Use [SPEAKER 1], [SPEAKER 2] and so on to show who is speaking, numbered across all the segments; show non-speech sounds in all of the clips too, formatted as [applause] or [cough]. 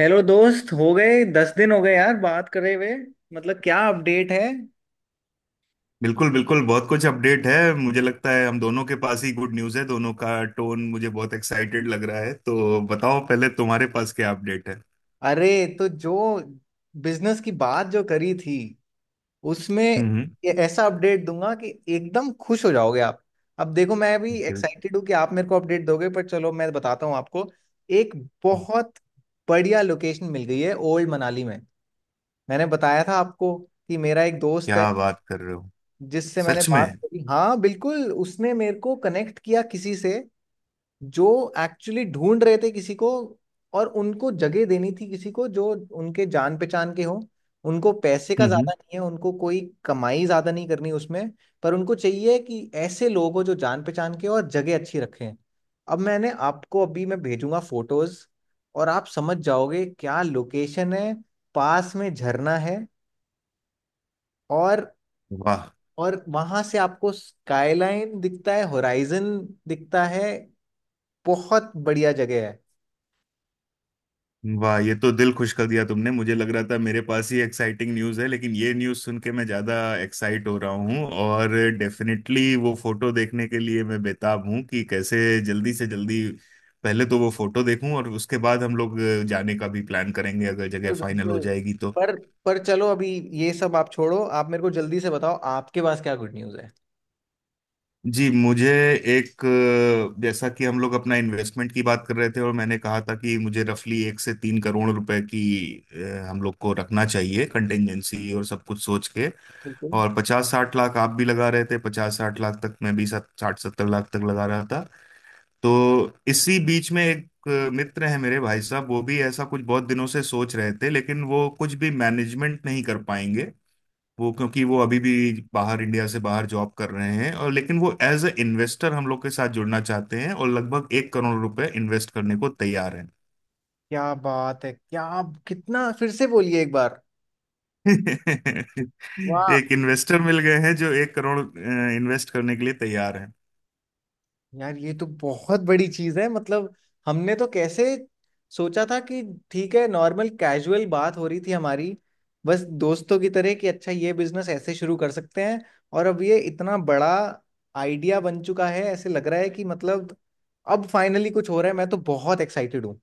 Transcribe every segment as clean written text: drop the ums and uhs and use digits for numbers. [SPEAKER 1] Hello दोस्त। हो गए 10 दिन हो गए यार बात करे हुए। मतलब क्या अपडेट है।
[SPEAKER 2] बिल्कुल बिल्कुल, बहुत कुछ अपडेट है। मुझे लगता है हम दोनों के पास ही गुड न्यूज़ है, दोनों का टोन मुझे बहुत एक्साइटेड लग रहा है। तो बताओ, पहले तुम्हारे पास क्या अपडेट है?
[SPEAKER 1] अरे, तो जो बिजनेस की बात जो करी थी उसमें
[SPEAKER 2] हम्म।
[SPEAKER 1] ये ऐसा अपडेट दूंगा कि एकदम खुश हो जाओगे आप। अब देखो मैं भी
[SPEAKER 2] हम्म।
[SPEAKER 1] एक्साइटेड हूँ कि आप मेरे को अपडेट दोगे, पर चलो मैं बताता हूँ आपको। एक बहुत बढ़िया लोकेशन मिल गई है ओल्ड मनाली में। मैंने बताया था आपको कि मेरा एक दोस्त है
[SPEAKER 2] क्या बात कर रहे हो!
[SPEAKER 1] जिससे मैंने
[SPEAKER 2] सच में?
[SPEAKER 1] बात करी, हाँ बिल्कुल, उसने मेरे को कनेक्ट किया किसी से जो एक्चुअली ढूंढ रहे थे किसी को और उनको जगह देनी थी किसी को जो उनके जान पहचान के हो। उनको पैसे का ज्यादा
[SPEAKER 2] हम्म।
[SPEAKER 1] नहीं है, उनको कोई कमाई ज्यादा नहीं करनी उसमें, पर उनको चाहिए कि ऐसे लोग हो जो जान पहचान के हो और जगह अच्छी रखें। अब मैंने आपको अभी मैं भेजूंगा फोटोज और आप समझ जाओगे क्या लोकेशन है। पास में झरना है, और
[SPEAKER 2] वाह
[SPEAKER 1] और वहां से आपको स्काईलाइन दिखता है, होराइजन दिखता है। बहुत बढ़िया जगह है।
[SPEAKER 2] वाह, ये तो दिल खुश कर दिया तुमने। मुझे लग रहा था मेरे पास ही एक्साइटिंग न्यूज़ है, लेकिन ये न्यूज़ सुन के मैं ज़्यादा एक्साइट हो रहा हूँ। और डेफिनेटली वो फोटो देखने के लिए मैं बेताब हूँ कि कैसे जल्दी से जल्दी पहले तो वो फोटो देखूं, और उसके बाद हम लोग जाने का भी प्लान करेंगे, अगर जगह
[SPEAKER 1] बिल्कुल
[SPEAKER 2] फाइनल हो
[SPEAKER 1] बिल्कुल।
[SPEAKER 2] जाएगी तो।
[SPEAKER 1] पर पर चलो अभी ये सब आप छोड़ो, आप मेरे को जल्दी से बताओ आपके पास क्या गुड न्यूज़ है।
[SPEAKER 2] जी, मुझे एक जैसा कि हम लोग अपना इन्वेस्टमेंट की बात कर रहे थे, और मैंने कहा था कि मुझे रफली 1 से 3 करोड़ रुपए की हम लोग को रखना चाहिए कंटेंजेंसी, और सब कुछ सोच के,
[SPEAKER 1] बिल्कुल।
[SPEAKER 2] और 50-60 लाख आप भी लगा रहे थे, 50-60 लाख तक, मैं भी 60-70 लाख तक लगा रहा था। तो इसी बीच में एक मित्र है मेरे, भाई साहब वो भी ऐसा कुछ बहुत दिनों से सोच रहे थे, लेकिन वो कुछ भी मैनेजमेंट नहीं कर पाएंगे, वो क्योंकि वो अभी भी बाहर इंडिया से बाहर जॉब कर रहे हैं, और लेकिन वो एज ए इन्वेस्टर हम लोग के साथ जुड़ना चाहते हैं, और लगभग 1 करोड़ रुपए इन्वेस्ट करने को तैयार हैं।
[SPEAKER 1] क्या बात है! क्या, कितना फिर से बोलिए एक बार।
[SPEAKER 2] [laughs]
[SPEAKER 1] वाह!
[SPEAKER 2] एक इन्वेस्टर मिल गए हैं जो 1 करोड़ इन्वेस्ट करने के लिए तैयार हैं।
[SPEAKER 1] यार ये तो बहुत बड़ी चीज है, मतलब हमने तो कैसे सोचा था कि ठीक है, नॉर्मल कैजुअल बात हो रही थी हमारी, बस दोस्तों की तरह कि अच्छा ये बिजनेस ऐसे शुरू कर सकते हैं, और अब ये इतना बड़ा आइडिया बन चुका है। ऐसे लग रहा है कि मतलब अब फाइनली कुछ हो रहा है, मैं तो बहुत एक्साइटेड हूँ।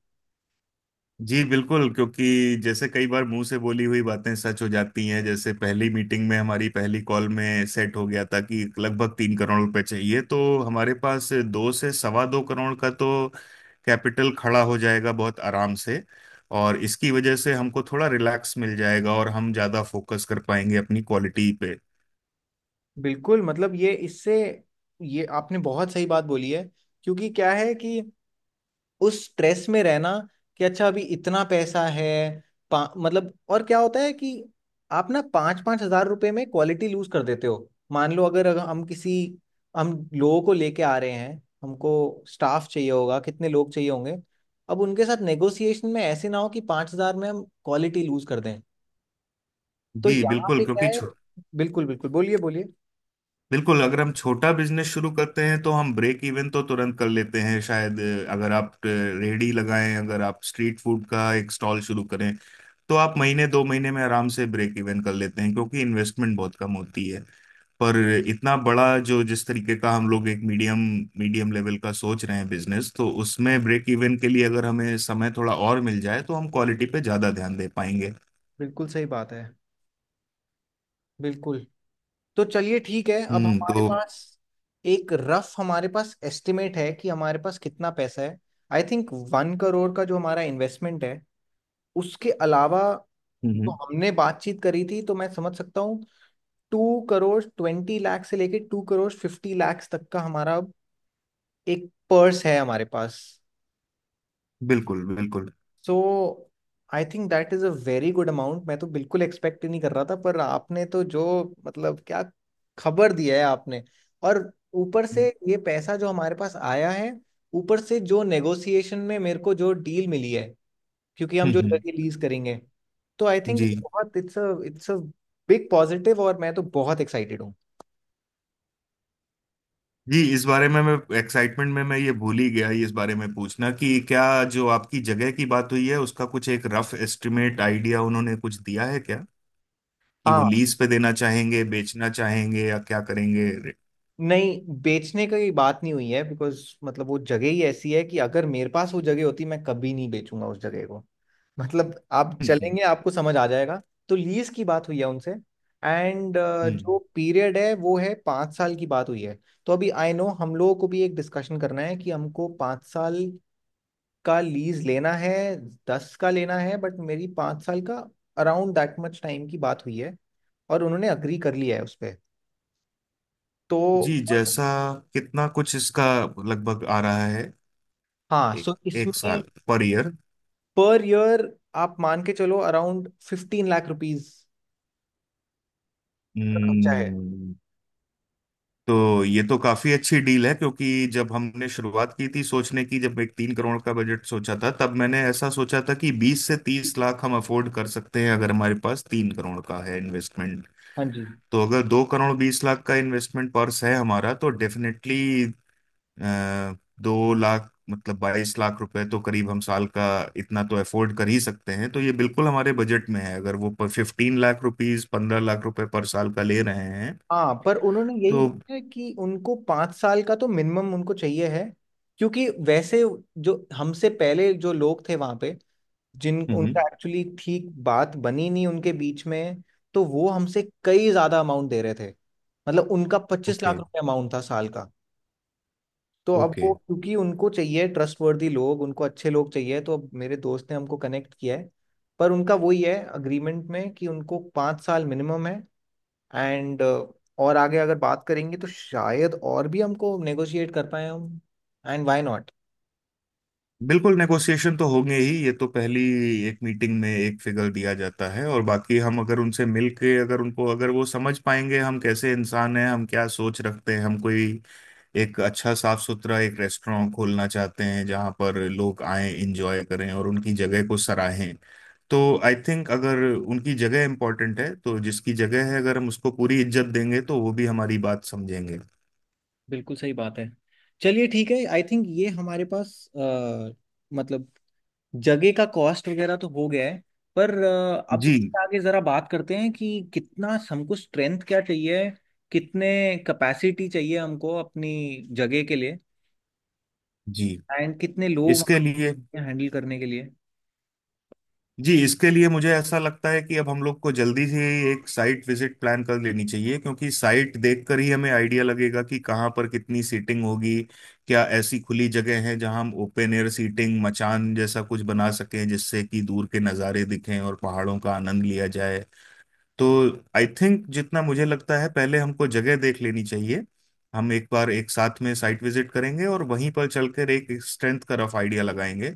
[SPEAKER 2] जी बिल्कुल, क्योंकि जैसे कई बार मुंह से बोली हुई बातें सच हो जाती हैं, जैसे पहली मीटिंग में, हमारी पहली कॉल में सेट हो गया था कि लगभग 3 करोड़ रुपए चाहिए, तो हमारे पास 2 से 2.25 करोड़ का तो कैपिटल खड़ा हो जाएगा बहुत आराम से। और इसकी वजह से हमको थोड़ा रिलैक्स मिल जाएगा, और हम ज़्यादा फोकस कर पाएंगे अपनी क्वालिटी पे।
[SPEAKER 1] बिल्कुल, मतलब ये इससे ये आपने बहुत सही बात बोली है। क्योंकि क्या है कि उस स्ट्रेस में रहना कि अच्छा अभी इतना पैसा है, मतलब और क्या होता है कि आप ना पाँच पाँच हजार रुपए में क्वालिटी लूज कर देते हो। मान लो अगर अगर हम किसी, हम लोगों को लेके आ रहे हैं, हमको स्टाफ चाहिए होगा, कितने लोग चाहिए होंगे, अब उनके साथ नेगोशिएशन में ऐसे ना हो कि 5 हज़ार में हम क्वालिटी लूज कर दें। तो
[SPEAKER 2] जी
[SPEAKER 1] यहाँ
[SPEAKER 2] बिल्कुल,
[SPEAKER 1] पे क्या
[SPEAKER 2] क्योंकि
[SPEAKER 1] है। बिल्कुल बिल्कुल बोलिए बोलिए।
[SPEAKER 2] बिल्कुल अगर हम छोटा बिजनेस शुरू करते हैं तो हम ब्रेक इवन तो तुरंत कर लेते हैं शायद। अगर आप रेहड़ी लगाएं, अगर आप स्ट्रीट फूड का एक स्टॉल शुरू करें, तो आप महीने 2 महीने में आराम से ब्रेक इवन कर लेते हैं, क्योंकि इन्वेस्टमेंट बहुत कम होती है। पर इतना बड़ा जो, जिस तरीके का हम लोग एक मीडियम मीडियम लेवल का सोच रहे हैं बिजनेस, तो उसमें ब्रेक इवन के लिए अगर हमें समय थोड़ा और मिल जाए तो हम क्वालिटी पे ज्यादा ध्यान दे पाएंगे।
[SPEAKER 1] बिल्कुल सही बात है। बिल्कुल। तो चलिए ठीक है, अब
[SPEAKER 2] हम्म।
[SPEAKER 1] हमारे
[SPEAKER 2] तो
[SPEAKER 1] पास एक रफ हमारे पास एस्टिमेट है कि हमारे पास कितना पैसा है। आई थिंक 1 करोड़ का जो हमारा इन्वेस्टमेंट है उसके अलावा
[SPEAKER 2] हम्म।
[SPEAKER 1] जो
[SPEAKER 2] हम्म।
[SPEAKER 1] हमने बातचीत करी थी, तो मैं समझ सकता हूँ 2 करोड़ 20 लाख से लेके 2 करोड़ 50 लाख तक का हमारा अब एक पर्स है हमारे पास।
[SPEAKER 2] बिल्कुल बिल्कुल।
[SPEAKER 1] So I think that is a very good amount. मैं तो बिल्कुल एक्सपेक्ट ही नहीं कर रहा था, पर आपने तो जो, मतलब क्या खबर दिया है आपने। और ऊपर से
[SPEAKER 2] हम्म।
[SPEAKER 1] ये पैसा जो हमारे पास आया है, ऊपर से जो नेगोशिएशन में मेरे को जो डील मिली है क्योंकि हम जो
[SPEAKER 2] हम्म।
[SPEAKER 1] जगह लीज करेंगे, तो आई थिंक ये
[SPEAKER 2] जी।
[SPEAKER 1] बहुत इट्स अ बिग पॉजिटिव, और मैं तो बहुत एक्साइटेड हूँ।
[SPEAKER 2] जी, इस बारे में मैं, एक्साइटमेंट में मैं ये भूल ही गया इस बारे में पूछना, कि क्या जो आपकी जगह की बात हुई है उसका कुछ एक रफ एस्टिमेट आइडिया उन्होंने कुछ दिया है क्या? कि वो
[SPEAKER 1] हाँ,
[SPEAKER 2] लीज पे देना चाहेंगे, बेचना चाहेंगे, या क्या करेंगे? हम्म।
[SPEAKER 1] नहीं बेचने की बात नहीं हुई है बिकॉज, मतलब वो जगह ही ऐसी है कि अगर मेरे पास वो जगह होती मैं कभी नहीं बेचूंगा उस जगह को। मतलब आप
[SPEAKER 2] हम्म।
[SPEAKER 1] चलेंगे आपको समझ आ जाएगा। तो लीज की बात हुई है उनसे। एंड जो
[SPEAKER 2] हम्म।
[SPEAKER 1] पीरियड है वो है 5 साल की बात हुई है। तो अभी आई नो हम लोगों को भी एक डिस्कशन करना है कि हमको 5 साल का लीज लेना है, दस का लेना है, बट मेरी 5 साल का अराउंड दैट मच टाइम की बात हुई है और उन्होंने अग्री कर लिया है उस पर। तो
[SPEAKER 2] जी जैसा, कितना कुछ इसका लगभग आ रहा है?
[SPEAKER 1] हाँ
[SPEAKER 2] एक
[SPEAKER 1] सो
[SPEAKER 2] एक
[SPEAKER 1] इसमें
[SPEAKER 2] साल? पर ईयर?
[SPEAKER 1] पर ईयर आप मान के चलो अराउंड 15 लाख रुपीज का खर्चा है।
[SPEAKER 2] तो ये तो काफी अच्छी डील है, क्योंकि जब हमने शुरुआत की थी सोचने की, जब एक 3 करोड़ का बजट सोचा था, तब मैंने ऐसा सोचा था कि 20 से 30 लाख हम अफोर्ड कर सकते हैं, अगर हमारे पास 3 करोड़ का है इन्वेस्टमेंट।
[SPEAKER 1] हाँ जी।
[SPEAKER 2] तो अगर 2 करोड़ 20 लाख का इन्वेस्टमेंट पर्स है हमारा, तो डेफिनेटली 2 लाख, मतलब 22 लाख रुपए तो करीब हम साल का इतना तो अफोर्ड कर ही सकते हैं। तो ये बिल्कुल हमारे बजट में है, अगर वो 15 लाख रुपीज, 15 लाख रुपए पर साल का ले रहे हैं
[SPEAKER 1] हाँ पर उन्होंने
[SPEAKER 2] तो।
[SPEAKER 1] यही बोला है कि उनको 5 साल का तो मिनिमम उनको चाहिए है, क्योंकि वैसे जो हमसे पहले जो लोग थे वहाँ पे, जिन
[SPEAKER 2] हम्म।
[SPEAKER 1] उनका एक्चुअली ठीक बात बनी नहीं उनके बीच में, तो वो हमसे कई ज़्यादा अमाउंट दे रहे थे, मतलब उनका पच्चीस लाख
[SPEAKER 2] ओके।
[SPEAKER 1] रुपए अमाउंट था साल का। तो अब वो,
[SPEAKER 2] ओके।
[SPEAKER 1] क्योंकि उनको चाहिए ट्रस्टवर्दी लोग, उनको अच्छे लोग चाहिए, तो अब मेरे दोस्त ने हमको कनेक्ट किया है। पर उनका वही है अग्रीमेंट में कि उनको पाँच साल मिनिमम है। एंड और आगे अगर बात करेंगे तो शायद और भी हमको नेगोशिएट कर पाए हम। And why not.
[SPEAKER 2] बिल्कुल, नेगोशिएशन तो होंगे ही। ये तो पहली एक मीटिंग में एक फिगर दिया जाता है, और बाकी हम अगर उनसे मिल के, अगर वो समझ पाएंगे हम कैसे इंसान हैं, हम क्या सोच रखते हैं, हम कोई एक अच्छा साफ सुथरा एक रेस्टोरेंट खोलना चाहते हैं जहाँ पर लोग आए इंजॉय करें और उनकी जगह को सराहें, तो आई थिंक अगर उनकी जगह इंपॉर्टेंट है, तो जिसकी जगह है अगर हम उसको पूरी इज्जत देंगे तो वो भी हमारी बात समझेंगे।
[SPEAKER 1] बिल्कुल सही बात है। चलिए ठीक है आई थिंक ये हमारे पास मतलब जगह का कॉस्ट वगैरह तो हो गया है, पर अब
[SPEAKER 2] जी
[SPEAKER 1] इससे आगे ज़रा बात करते हैं कि कितना हमको स्ट्रेंथ क्या चाहिए, कितने कैपेसिटी चाहिए हमको अपनी जगह के लिए,
[SPEAKER 2] जी,
[SPEAKER 1] एंड कितने लोग
[SPEAKER 2] इसके लिए
[SPEAKER 1] वहाँ हैंडल करने के लिए।
[SPEAKER 2] जी इसके लिए मुझे ऐसा लगता है कि अब हम लोग को जल्दी से एक साइट विजिट प्लान कर लेनी चाहिए, क्योंकि साइट देखकर ही हमें आइडिया लगेगा कि कहाँ पर कितनी सीटिंग होगी, क्या ऐसी खुली जगह है जहाँ हम ओपन एयर सीटिंग, मचान जैसा कुछ बना सकें जिससे कि दूर के नज़ारे दिखें और पहाड़ों का आनंद लिया जाए। तो आई थिंक, जितना मुझे लगता है, पहले हमको जगह देख लेनी चाहिए, हम एक बार एक साथ में साइट विजिट करेंगे और वहीं पर चलकर एक स्ट्रेंथ का रफ आइडिया लगाएंगे।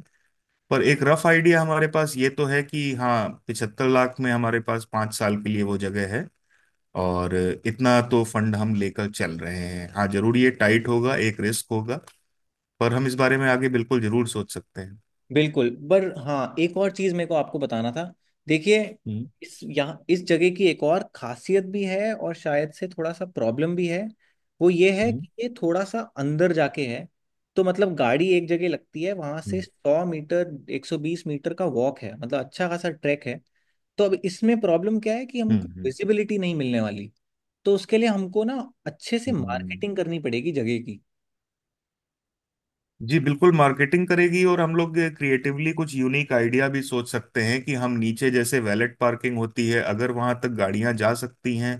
[SPEAKER 2] पर एक रफ आइडिया हमारे पास ये तो है कि हाँ, 75 लाख में हमारे पास 5 साल के लिए वो जगह है, और इतना तो फंड हम लेकर चल रहे हैं। हाँ जरूर, ये टाइट होगा, एक रिस्क होगा, पर हम इस बारे में आगे बिल्कुल जरूर सोच सकते हैं।
[SPEAKER 1] बिल्कुल, पर हाँ एक और चीज मेरे को आपको बताना था, देखिए
[SPEAKER 2] हम्म।
[SPEAKER 1] इस यहाँ इस जगह की एक और खासियत भी है और शायद से थोड़ा सा प्रॉब्लम भी है। वो ये है
[SPEAKER 2] हम्म।
[SPEAKER 1] कि ये थोड़ा सा अंदर जाके है, तो मतलब गाड़ी एक जगह लगती है, वहां से
[SPEAKER 2] हम्म।
[SPEAKER 1] 100 मीटर 120 मीटर का वॉक है, मतलब अच्छा खासा ट्रैक है। तो अब इसमें प्रॉब्लम क्या है कि
[SPEAKER 2] हम्म।
[SPEAKER 1] हमको
[SPEAKER 2] हम्म।
[SPEAKER 1] विजिबिलिटी नहीं मिलने वाली, तो उसके लिए हमको ना अच्छे से
[SPEAKER 2] हम्म।
[SPEAKER 1] मार्केटिंग करनी पड़ेगी जगह की।
[SPEAKER 2] जी बिल्कुल, मार्केटिंग करेगी, और हम लोग क्रिएटिवली कुछ यूनिक आइडिया भी सोच सकते हैं। कि हम नीचे, जैसे वैलेट पार्किंग होती है, अगर वहां तक गाड़ियां जा सकती हैं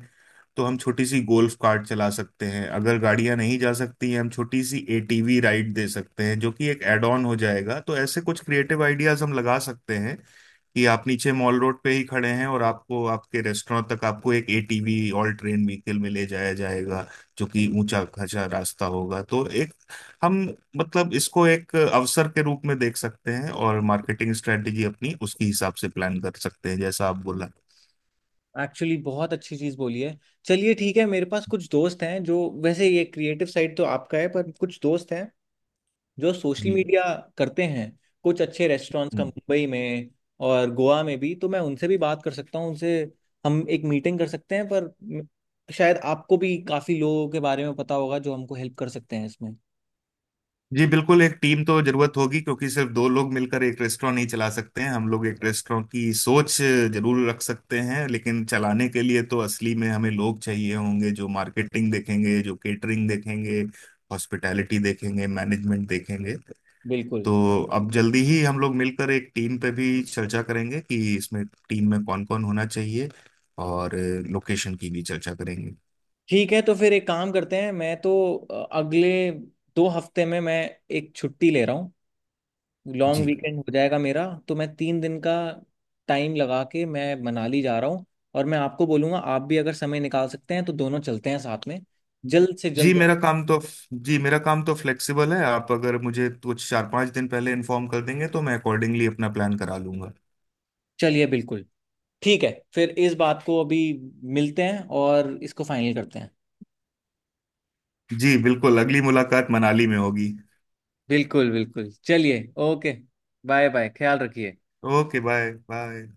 [SPEAKER 2] तो हम छोटी सी गोल्फ कार्ट चला सकते हैं, अगर गाड़ियां नहीं जा सकती हैं हम छोटी सी एटीवी राइड दे सकते हैं, जो कि एक एड ऑन हो जाएगा। तो ऐसे कुछ क्रिएटिव आइडियाज हम लगा सकते हैं, कि आप नीचे मॉल रोड पे ही खड़े हैं, और आपको आपके रेस्टोरेंट तक, आपको एक एटीवी, ऑल ट्रेन व्हीकल में ले जाया जाएगा, जो कि ऊंचा खचा रास्ता होगा। तो एक हम मतलब इसको एक अवसर के रूप में देख सकते हैं, और मार्केटिंग स्ट्रेटेजी अपनी उसके हिसाब से प्लान कर सकते हैं, जैसा आप बोला।
[SPEAKER 1] एक्चुअली बहुत अच्छी चीज बोली है। चलिए ठीक है, मेरे पास कुछ दोस्त हैं जो, वैसे ये क्रिएटिव साइड तो आपका है, पर कुछ दोस्त हैं जो सोशल
[SPEAKER 2] जी।
[SPEAKER 1] मीडिया करते हैं कुछ अच्छे रेस्टोरेंट्स का
[SPEAKER 2] हम्म।
[SPEAKER 1] मुंबई में और गोवा में भी, तो मैं उनसे भी बात कर सकता हूँ, उनसे हम एक मीटिंग कर सकते हैं। पर शायद आपको भी काफी लोगों के बारे में पता होगा जो हमको हेल्प कर सकते हैं इसमें।
[SPEAKER 2] जी बिल्कुल, एक टीम तो जरूरत होगी, क्योंकि सिर्फ दो लोग मिलकर एक रेस्टोरेंट नहीं चला सकते हैं। हम लोग एक रेस्टोरेंट की सोच जरूर रख सकते हैं, लेकिन चलाने के लिए तो असली में हमें लोग चाहिए होंगे, जो मार्केटिंग देखेंगे, जो केटरिंग देखेंगे, हॉस्पिटैलिटी देखेंगे, मैनेजमेंट देखेंगे।
[SPEAKER 1] बिल्कुल।
[SPEAKER 2] तो अब जल्दी ही हम लोग मिलकर एक टीम पे भी चर्चा करेंगे कि इसमें टीम में कौन कौन होना चाहिए, और लोकेशन की भी चर्चा करेंगे।
[SPEAKER 1] ठीक है तो फिर एक काम करते हैं, मैं तो अगले 2 हफ्ते में मैं एक छुट्टी ले रहा हूँ, लॉन्ग
[SPEAKER 2] जी
[SPEAKER 1] वीकेंड हो जाएगा मेरा, तो मैं 3 दिन का टाइम लगा के मैं मनाली जा रहा हूँ, और मैं आपको बोलूंगा आप भी अगर समय निकाल सकते हैं तो दोनों चलते हैं साथ में जल्द से
[SPEAKER 2] जी,
[SPEAKER 1] जल्द।
[SPEAKER 2] मेरा काम तो फ्लेक्सिबल है। आप अगर मुझे कुछ 4-5 दिन पहले इन्फॉर्म कर देंगे तो मैं अकॉर्डिंगली अपना प्लान करा लूंगा।
[SPEAKER 1] चलिए बिल्कुल ठीक है, फिर इस बात को अभी मिलते हैं और इसको फाइनल करते हैं।
[SPEAKER 2] जी बिल्कुल, अगली मुलाकात मनाली में होगी।
[SPEAKER 1] बिल्कुल बिल्कुल चलिए, ओके बाय बाय, ख्याल रखिए।
[SPEAKER 2] Okay, bye bye.